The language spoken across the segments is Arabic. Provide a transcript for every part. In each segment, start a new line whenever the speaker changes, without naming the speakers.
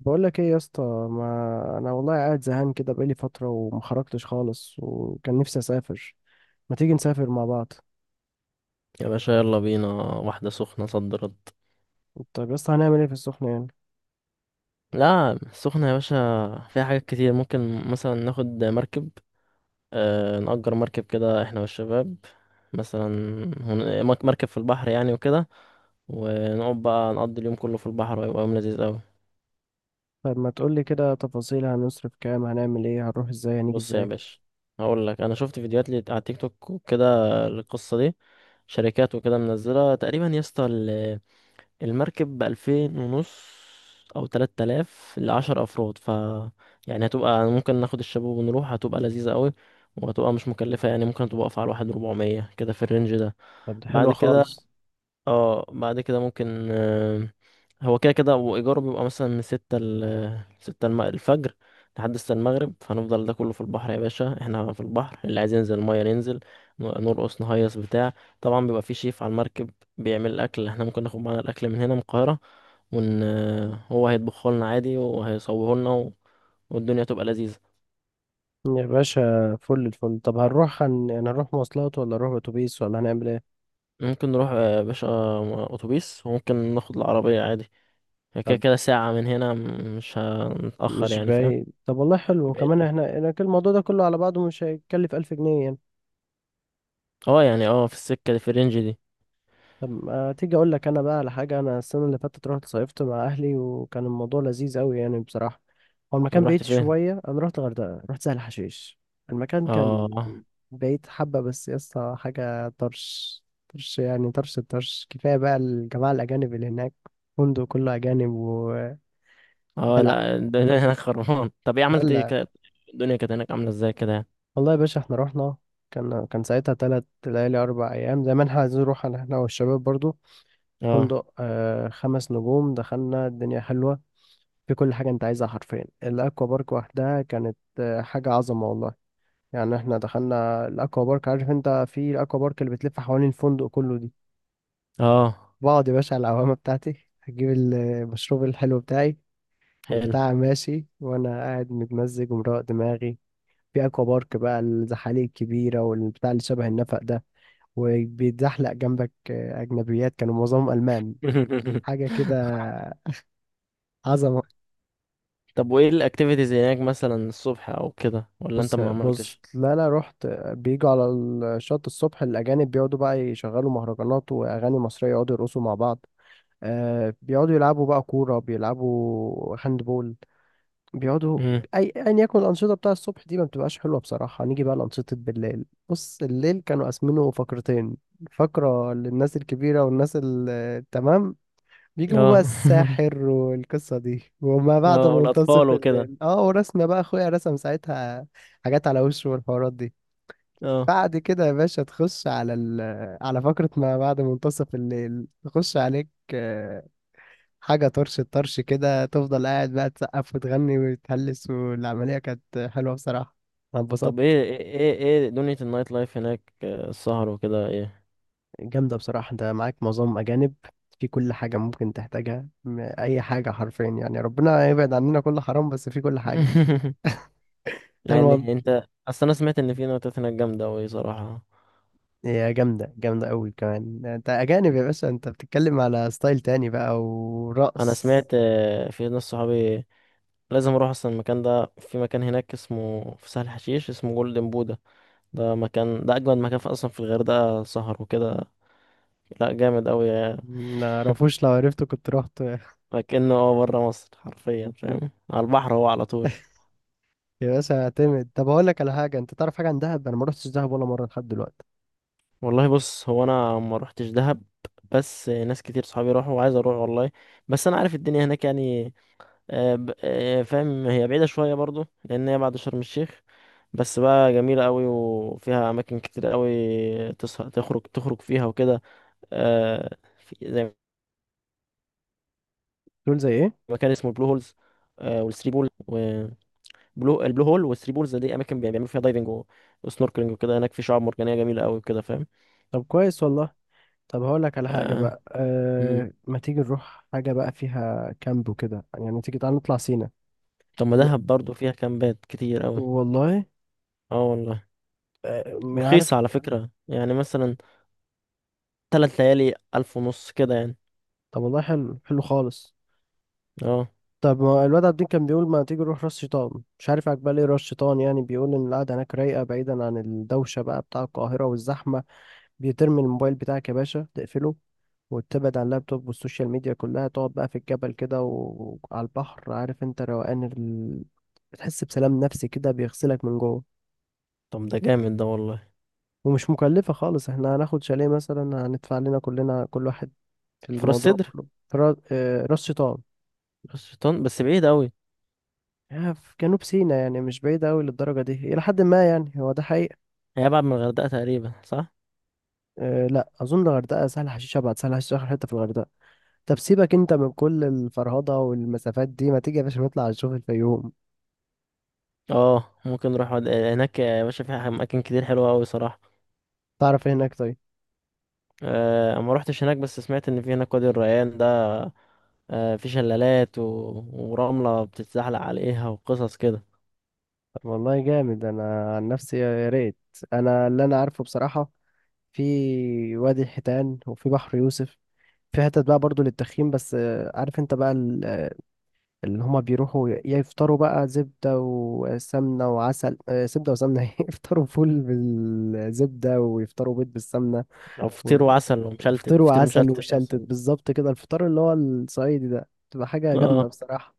بقول لك ايه يا اسطى؟ ما انا والله قاعد زهقان كده بقالي فتره وما خرجتش خالص وكان نفسي اسافر. ما تيجي نسافر مع بعض؟
يا باشا، يلا بينا واحدة سخنة صد رد.
طب يا اسطى هنعمل ايه في السخنه يعني؟
لا، سخنة يا باشا. فيها حاجات كتير، ممكن مثلا ناخد مركب. نأجر مركب كده احنا والشباب، مثلا. مركب في البحر يعني، وكده. ونقعد بقى نقضي اليوم كله في البحر، ويبقى يوم لذيذ قوي.
طب ما تقول لي كده تفاصيل، هنصرف كام، هنعمل ايه، هنروح ازاي، هنيجي
بص يا
ازاي؟
باشا، هقول لك، انا شفت فيديوهات لي على تيك توك وكده. القصة دي شركات وكده منزلة تقريبا يا اسطى، المركب 2500 أو 3000 لـ10 أفراد يعني هتبقى ممكن ناخد الشباب ونروح، هتبقى لذيذة قوي. وهتبقى مش مكلفة، يعني ممكن تبقى واقفة على واحد ربعمية كده في الرينج ده.
طب دي حلوه
بعد كده
خالص.
اه بعد كده ممكن، هو كده كده، وإيجاره بيبقى مثلا من 6 ل 6 الفجر لحد 6 المغرب. فهنفضل ده كله في البحر يا باشا، احنا في البحر، اللي عايز ينزل المية ننزل، نرقص نهيص بتاع. طبعا بيبقى في شيف على المركب بيعمل الأكل، احنا ممكن ناخد معانا الأكل من هنا من القاهرة ون هو هيطبخه لنا عادي وهيصوره لنا والدنيا تبقى لذيذة.
يا باشا فل الفل. طب هنروح يعني هنروح مواصلات ولا نروح اتوبيس ولا هنعمل ايه؟
ممكن نروح يا باشا أتوبيس، وممكن ناخد العربية عادي. هي كده
طب
كده ساعة من هنا، مش هنتأخر
مش
يعني، فاهم.
بعيد، طب والله حلو، وكمان
بعيد.
احنا كل الموضوع ده كله على بعضه مش هيكلف 1000 جنيه يعني.
اه، يعني في السكة اللي في الرينج دي.
طب ما تيجي اقول لك انا بقى على حاجه، انا السنه اللي فاتت رحت صيفت مع اهلي وكان الموضوع لذيذ قوي يعني بصراحه. هو المكان
طب رحت
بعيد
فين؟
شويه، انا رحت الغردقه، رحت سهل حشيش. المكان كان
اه.
بعيد حبه، بس يا اسطى حاجه طرش طرش يعني طرش الطرش، كفايه بقى الجماعه الاجانب اللي هناك، فندق كله اجانب ودلع
اه لا، الدنيا هناك خربان. طب ايه عملت ايه
دلع.
كده؟ الدنيا كانت هناك عاملة ازاي كده يعني؟
والله يا باشا احنا رحنا، كان ساعتها 3 ليالي 4 أيام، زي ما احنا عايزين نروح، احنا والشباب برضو.
اه،
فندق 5 نجوم، دخلنا الدنيا حلوة في كل حاجة انت عايزها حرفيا. الاكوا بارك وحدها كانت حاجة عظمة والله. يعني احنا دخلنا الاكوا بارك، عارف انت، في الاكوا بارك اللي بتلف حوالين الفندق كله دي،
اه،
بقعد يا باشا على العوامة بتاعتي، هجيب المشروب الحلو بتاعي
حلو.
والبتاع ماشي وانا قاعد متمزج ومروق دماغي. في اكوا بارك بقى الزحاليق الكبيرة والبتاع اللي شبه النفق ده، وبيتزحلق جنبك اجنبيات كانوا معظمهم المان، حاجة كده عظمة.
طب وايه الاكتيفيتيز هناك مثلا الصبح او كده، ولا انت
بص
ما
بص،
عملتش؟
لا لا رحت. بيجوا على الشط الصبح، الأجانب بيقعدوا بقى يشغلوا مهرجانات وأغاني مصرية، يقعدوا يرقصوا مع بعض. آه بيقعدوا يلعبوا بقى كورة، بيلعبوا هاند بول، بيقعدوا
امم.
أي أيا يكن. الأنشطة بتاع الصبح دي ما بتبقاش حلوة بصراحة، نيجي بقى لأنشطة بالليل. بص الليل كانوا قاسمينه فقرتين: فقرة للناس الكبيرة والناس التمام، بيجيبوا بقى
اه.
الساحر والقصة دي، وما بعد
اه، والاطفال
منتصف
وكده.
الليل ورسمة بقى اخويا رسم ساعتها حاجات على وشه والحوارات دي.
اه،
بعد كده يا باشا تخش على على فقرة ما بعد منتصف الليل، تخش عليك حاجة طرش الطرش كده، تفضل قاعد بقى تسقف وتغني وتهلس، والعملية كانت حلوة بصراحة، أنا
طب
اتبسطت.
ايه ايه ايه إيه دنيا النايت لايف هناك، السهر وكده ايه؟
جامدة بصراحة، أنت معاك معظم أجانب، في كل حاجة ممكن تحتاجها أي حاجة حرفيا يعني، ربنا يبعد عننا كل حرام، بس في كل حاجة. ده
يعني انت اصل انا سمعت ان في نايتات هناك جامدة اوي صراحة.
هي جامدة جامدة أوي، كمان أنت أجانب يا باشا، أنت بتتكلم على ستايل تاني بقى
انا
ورقص.
سمعت، في ناس صحابي، لازم اروح اصلا المكان ده. في مكان هناك اسمه في سهل حشيش اسمه جولدن بودا، ده اجمد مكان في اصلا في الغردقه، سهر وكده. لا، جامد قوي.
معرفوش، لو عرفته كنت رحت.
لكنه هو بره مصر حرفيا، فاهم، على البحر هو على طول.
يا باشا اعتمد، طب هقول لك على حاجة، أنت تعرف حاجة عن دهب؟ أنا ما رحتش دهب ولا مرة لحد دلوقتي.
والله بص، هو انا ما روحتش دهب، بس ناس كتير صحابي راحوا وعايز اروح والله. بس انا عارف الدنيا هناك يعني، فاهم، هي بعيدة شوية برضو لأن هي بعد شرم الشيخ. بس بقى جميلة قوي، وفيها أماكن كتير قوي تسهر تخرج، فيها وكده. آه، في زي
تقول زي إيه؟
مكان اسمه البلو هولز، والثري بول وبلو، البلو هول والثري بولز دي أماكن بيعملوا فيها دايفنج وسنوركلينج وكده، هناك في شعاب مرجانية جميلة قوي وكده، فاهم.
طب كويس والله. طب هقول لك على حاجة
آه،
بقى،
مم.
أه ما تيجي نروح حاجة بقى فيها كامب وكده يعني، ما تيجي تعالى نطلع سينا.
طب ما
ن-
دهب برضو فيها كامبات كتير قوي.
والله،
اه والله.
أه
ورخيصة
عارف.
على فكرة، يعني مثلا 3 ليالي 1500 كده يعني.
طب والله حلو حلو خالص.
اه.
طب ما الواد عابدين كان بيقول ما تيجي نروح راس شيطان، مش عارف عجبال ايه راس شيطان يعني، بيقول ان القعده هناك رايقه بعيدا عن الدوشه بقى بتاع القاهره والزحمه، بيترمي الموبايل بتاعك يا باشا تقفله، وتبعد عن اللابتوب والسوشيال ميديا كلها، تقعد بقى في الجبل كده وعلى البحر، عارف انت روقان بتحس بسلام نفسي كده بيغسلك من جوه.
طب ده جامد ده، والله.
ومش مكلفه خالص، احنا هناخد شاليه مثلا هندفع لنا كلنا كل واحد في
فراس
الموضوع
سدر،
كله، في راس شيطان.
راس شيطان بس بعيد قوي.
في جنوب سيناء يعني، مش بعيدة أوي للدرجة دي، إلى حد ما يعني، هو ده حقيقة.
هي ابعد من الغردقه تقريبا، صح.
أه لا أظن، الغردقة سهل حشيش أبعد، سهل حشيش آخر حتة في الغردقة. طب سيبك أنت من كل الفرهضة والمسافات دي، ما تيجي يا باشا نطلع نشوف الفيوم؟
اه، ممكن نروح هناك يا باشا، في اماكن كتير حلوه قوي صراحه.
تعرف إيه هناك طيب؟
آه، ما روحتش هناك، بس سمعت ان في هناك وادي الريان ده، آه، في شلالات ورمله بتتزحلق عليها وقصص كده.
طب والله جامد، أنا عن نفسي يا ريت. أنا اللي أنا عارفه بصراحة، في وادي الحيتان وفي بحر يوسف، في حتت بقى برضو للتخييم، بس عارف أنت بقى، اللي هما بيروحوا يفطروا بقى زبدة وسمنة وعسل، زبدة وسمنة إيه؟ يفطروا فول بالزبدة ويفطروا بيض بالسمنة
او فطير
و-
وعسل ومشلتت،
ويفطروا
فطير
عسل
مشلتت
وشلتت
اصلا.
بالظبط كده، الفطار اللي هو الصعيدي ده تبقى حاجة جامدة
اه.
بصراحة.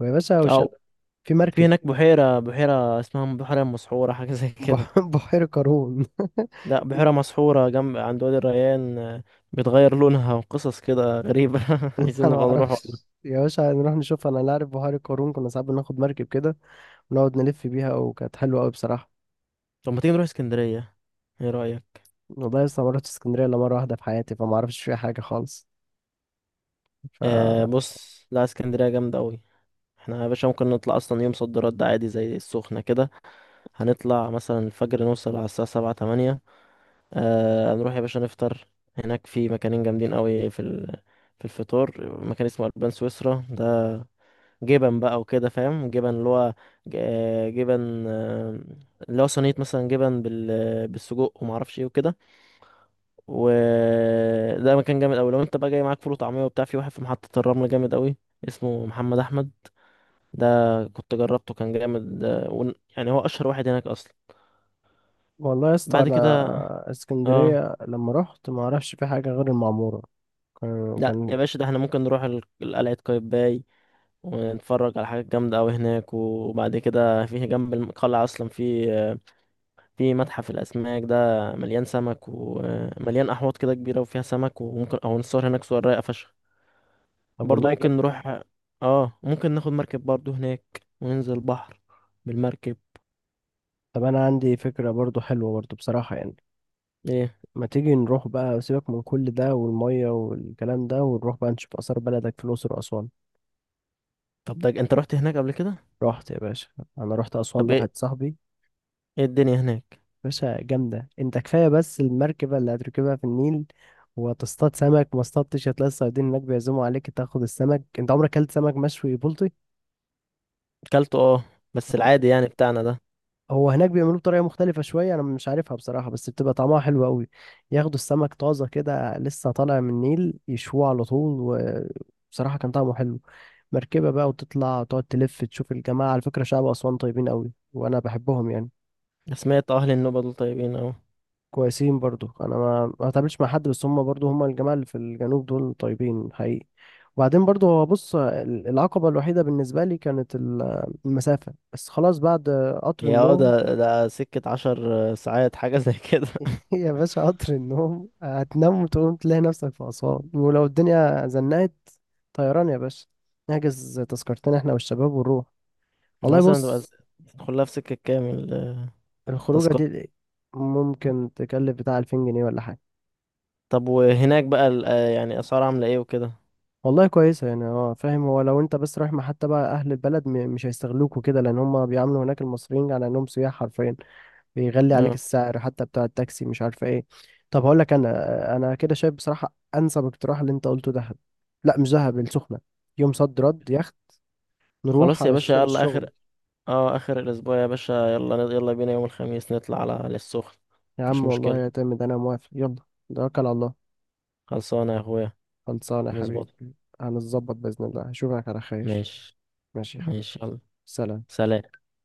ويا باشا
او،
وشلتت في
في
مركب.
هناك بحيره اسمها بحيره مسحوره حاجه زي كده.
بحيرة قارون
لا، بحيره مسحوره جنب عند وادي الريان، بتغير لونها وقصص كده غريبة.
انا
عايزين
ما
نبقى نروح.
اعرفش يا باشا، نروح نشوف، انا لا اعرف، بحيرة قارون كنا ساعات بناخد مركب كده ونقعد نلف بيها وكانت حلوة قوي بصراحة.
طب ما تيجي نروح اسكندرية، ايه رأيك؟
والله لسه ما رحتش اسكندرية الا مرة واحدة في حياتي، فما اعرفش فيها حاجة خالص ف.
آه بص، لا اسكندرية جامدة أوي. احنا يا باشا ممكن نطلع أصلا يوم صد رد عادي زي السخنة كده، هنطلع مثلا الفجر نوصل على الساعة 7 أو 8. آه، نروح يا باشا نفطر، هناك في مكانين جامدين أوي في الفطور مكان اسمه ألبان سويسرا ده، جبن بقى وكده، فاهم، جبن اللي هو جبن، اللي هو صينية مثلا جبن بالسجق ومعرفش ايه وكده. وده مكان جامد قوي. لو انت بقى جاي معاك فول وطعميه وبتاع، في واحد في محطه الرمل جامد قوي اسمه محمد احمد ده، كنت جربته كان جامد ده، يعني هو اشهر واحد هناك اصلا.
والله يا اسطى
بعد كده،
انا
اه،
اسكندريه لما رحت ما اعرفش في حاجه غير المعموره. كان
لا يا
كان
باشا، ده احنا ممكن نروح قلعه قايتباي ونتفرج على حاجات جامده قوي هناك، وبعد كده في جنب القلعه اصلا في، في متحف الاسماك ده مليان سمك ومليان احواض كده كبيره وفيها سمك، وممكن او نصور هناك صور رايقه فشخ.
طب
برضو
والله
ممكن
جامد.
نروح، اه، ممكن ناخد مركب برضو هناك وننزل البحر بالمركب.
طب انا عندي فكره برضو حلوه برضو بصراحه يعني،
ايه؟
ما تيجي نروح بقى، سيبك من كل ده والميه والكلام ده، ونروح بقى نشوف اثار بلدك في الاقصر واسوان.
طب ده انت رحت هناك قبل كده؟
رحت يا باشا، رحت اسوان
طب، ايه
لواحد صاحبي.
الدنيا هناك؟
باشا جامده، انت كفايه بس المركبه اللي هتركبها في النيل وتصطاد سمك، ما اصطادتش هتلاقي الصيادين هناك بيعزموا عليك تاخد السمك، انت عمرك اكلت سمك مشوي بلطي؟
اكلته، اه، بس العادي يعني بتاعنا ده.
هو هناك بيعملوه بطريقة مختلفة شوية أنا مش عارفها بصراحة، بس بتبقى طعمها حلو أوي، ياخدوا السمك طازة كده لسه طالع من النيل يشووه على طول، وبصراحة كان طعمه حلو. مركبة بقى وتطلع وتقعد تلف تشوف الجماعة، على فكرة شعب أسوان طيبين أوي وأنا بحبهم يعني.
سمعت اهل النوبة دول طيبين اوي.
كويسين برضو، أنا ما ما اتقابلتش مع حد، بس هم برضو هم الجماعة اللي في الجنوب دول طيبين حقيقي. وبعدين برضو هو بص، العقبة الوحيدة بالنسبة لي كانت المسافة، بس خلاص بعد قطر
هي اه،
النوم.
ده سكة 10 ساعات، حاجة زي كده.
يا باشا قطر النوم، هتنام وتقوم تلاقي نفسك في أسوان، ولو الدنيا زنقت طيران يا باشا، نحجز تذكرتين احنا والشباب ونروح.
يعني
والله
مثلا تبقى
بص،
تدخلها في سكة كامل،
الخروجة
التذكرة.
دي ممكن تكلف بتاع 2000 جنيه ولا حاجة.
طب وهناك بقى يعني اسعار عاملة ايه وكده؟
والله كويسة يعني، اه فاهم، هو لو انت بس رايح مع حتى بقى أهل البلد مش هيستغلوك وكده، لأن هما بيعاملوا هناك المصريين على إنهم سياح حرفيا، بيغلي عليك
اه،
السعر حتى بتاع التاكسي مش عارفه ايه. طب هقول لك انا كده شايف بصراحه انسب اقتراح اللي انت قلته دهب. لا مش دهب، السخنه، يوم صد رد، يخت، نروح
خلاص يا باشا،
علشان
يلا
الشغل.
اخر. اه، اخر الاسبوع يا باشا، يلا يلا بينا يوم الخميس نطلع على السخن.
يا
مفيش
عم والله
مشكلة.
يعتمد، انا موافق يلا، توكل على الله.
خلصانة يا اخويا.
خلصانه يا حبيبي.
نظبط.
هنظبط باذن الله، اشوفك على خير.
ماشي.
ماشي يا حبيبي.
ماشي يلا.
سلام.
سلام.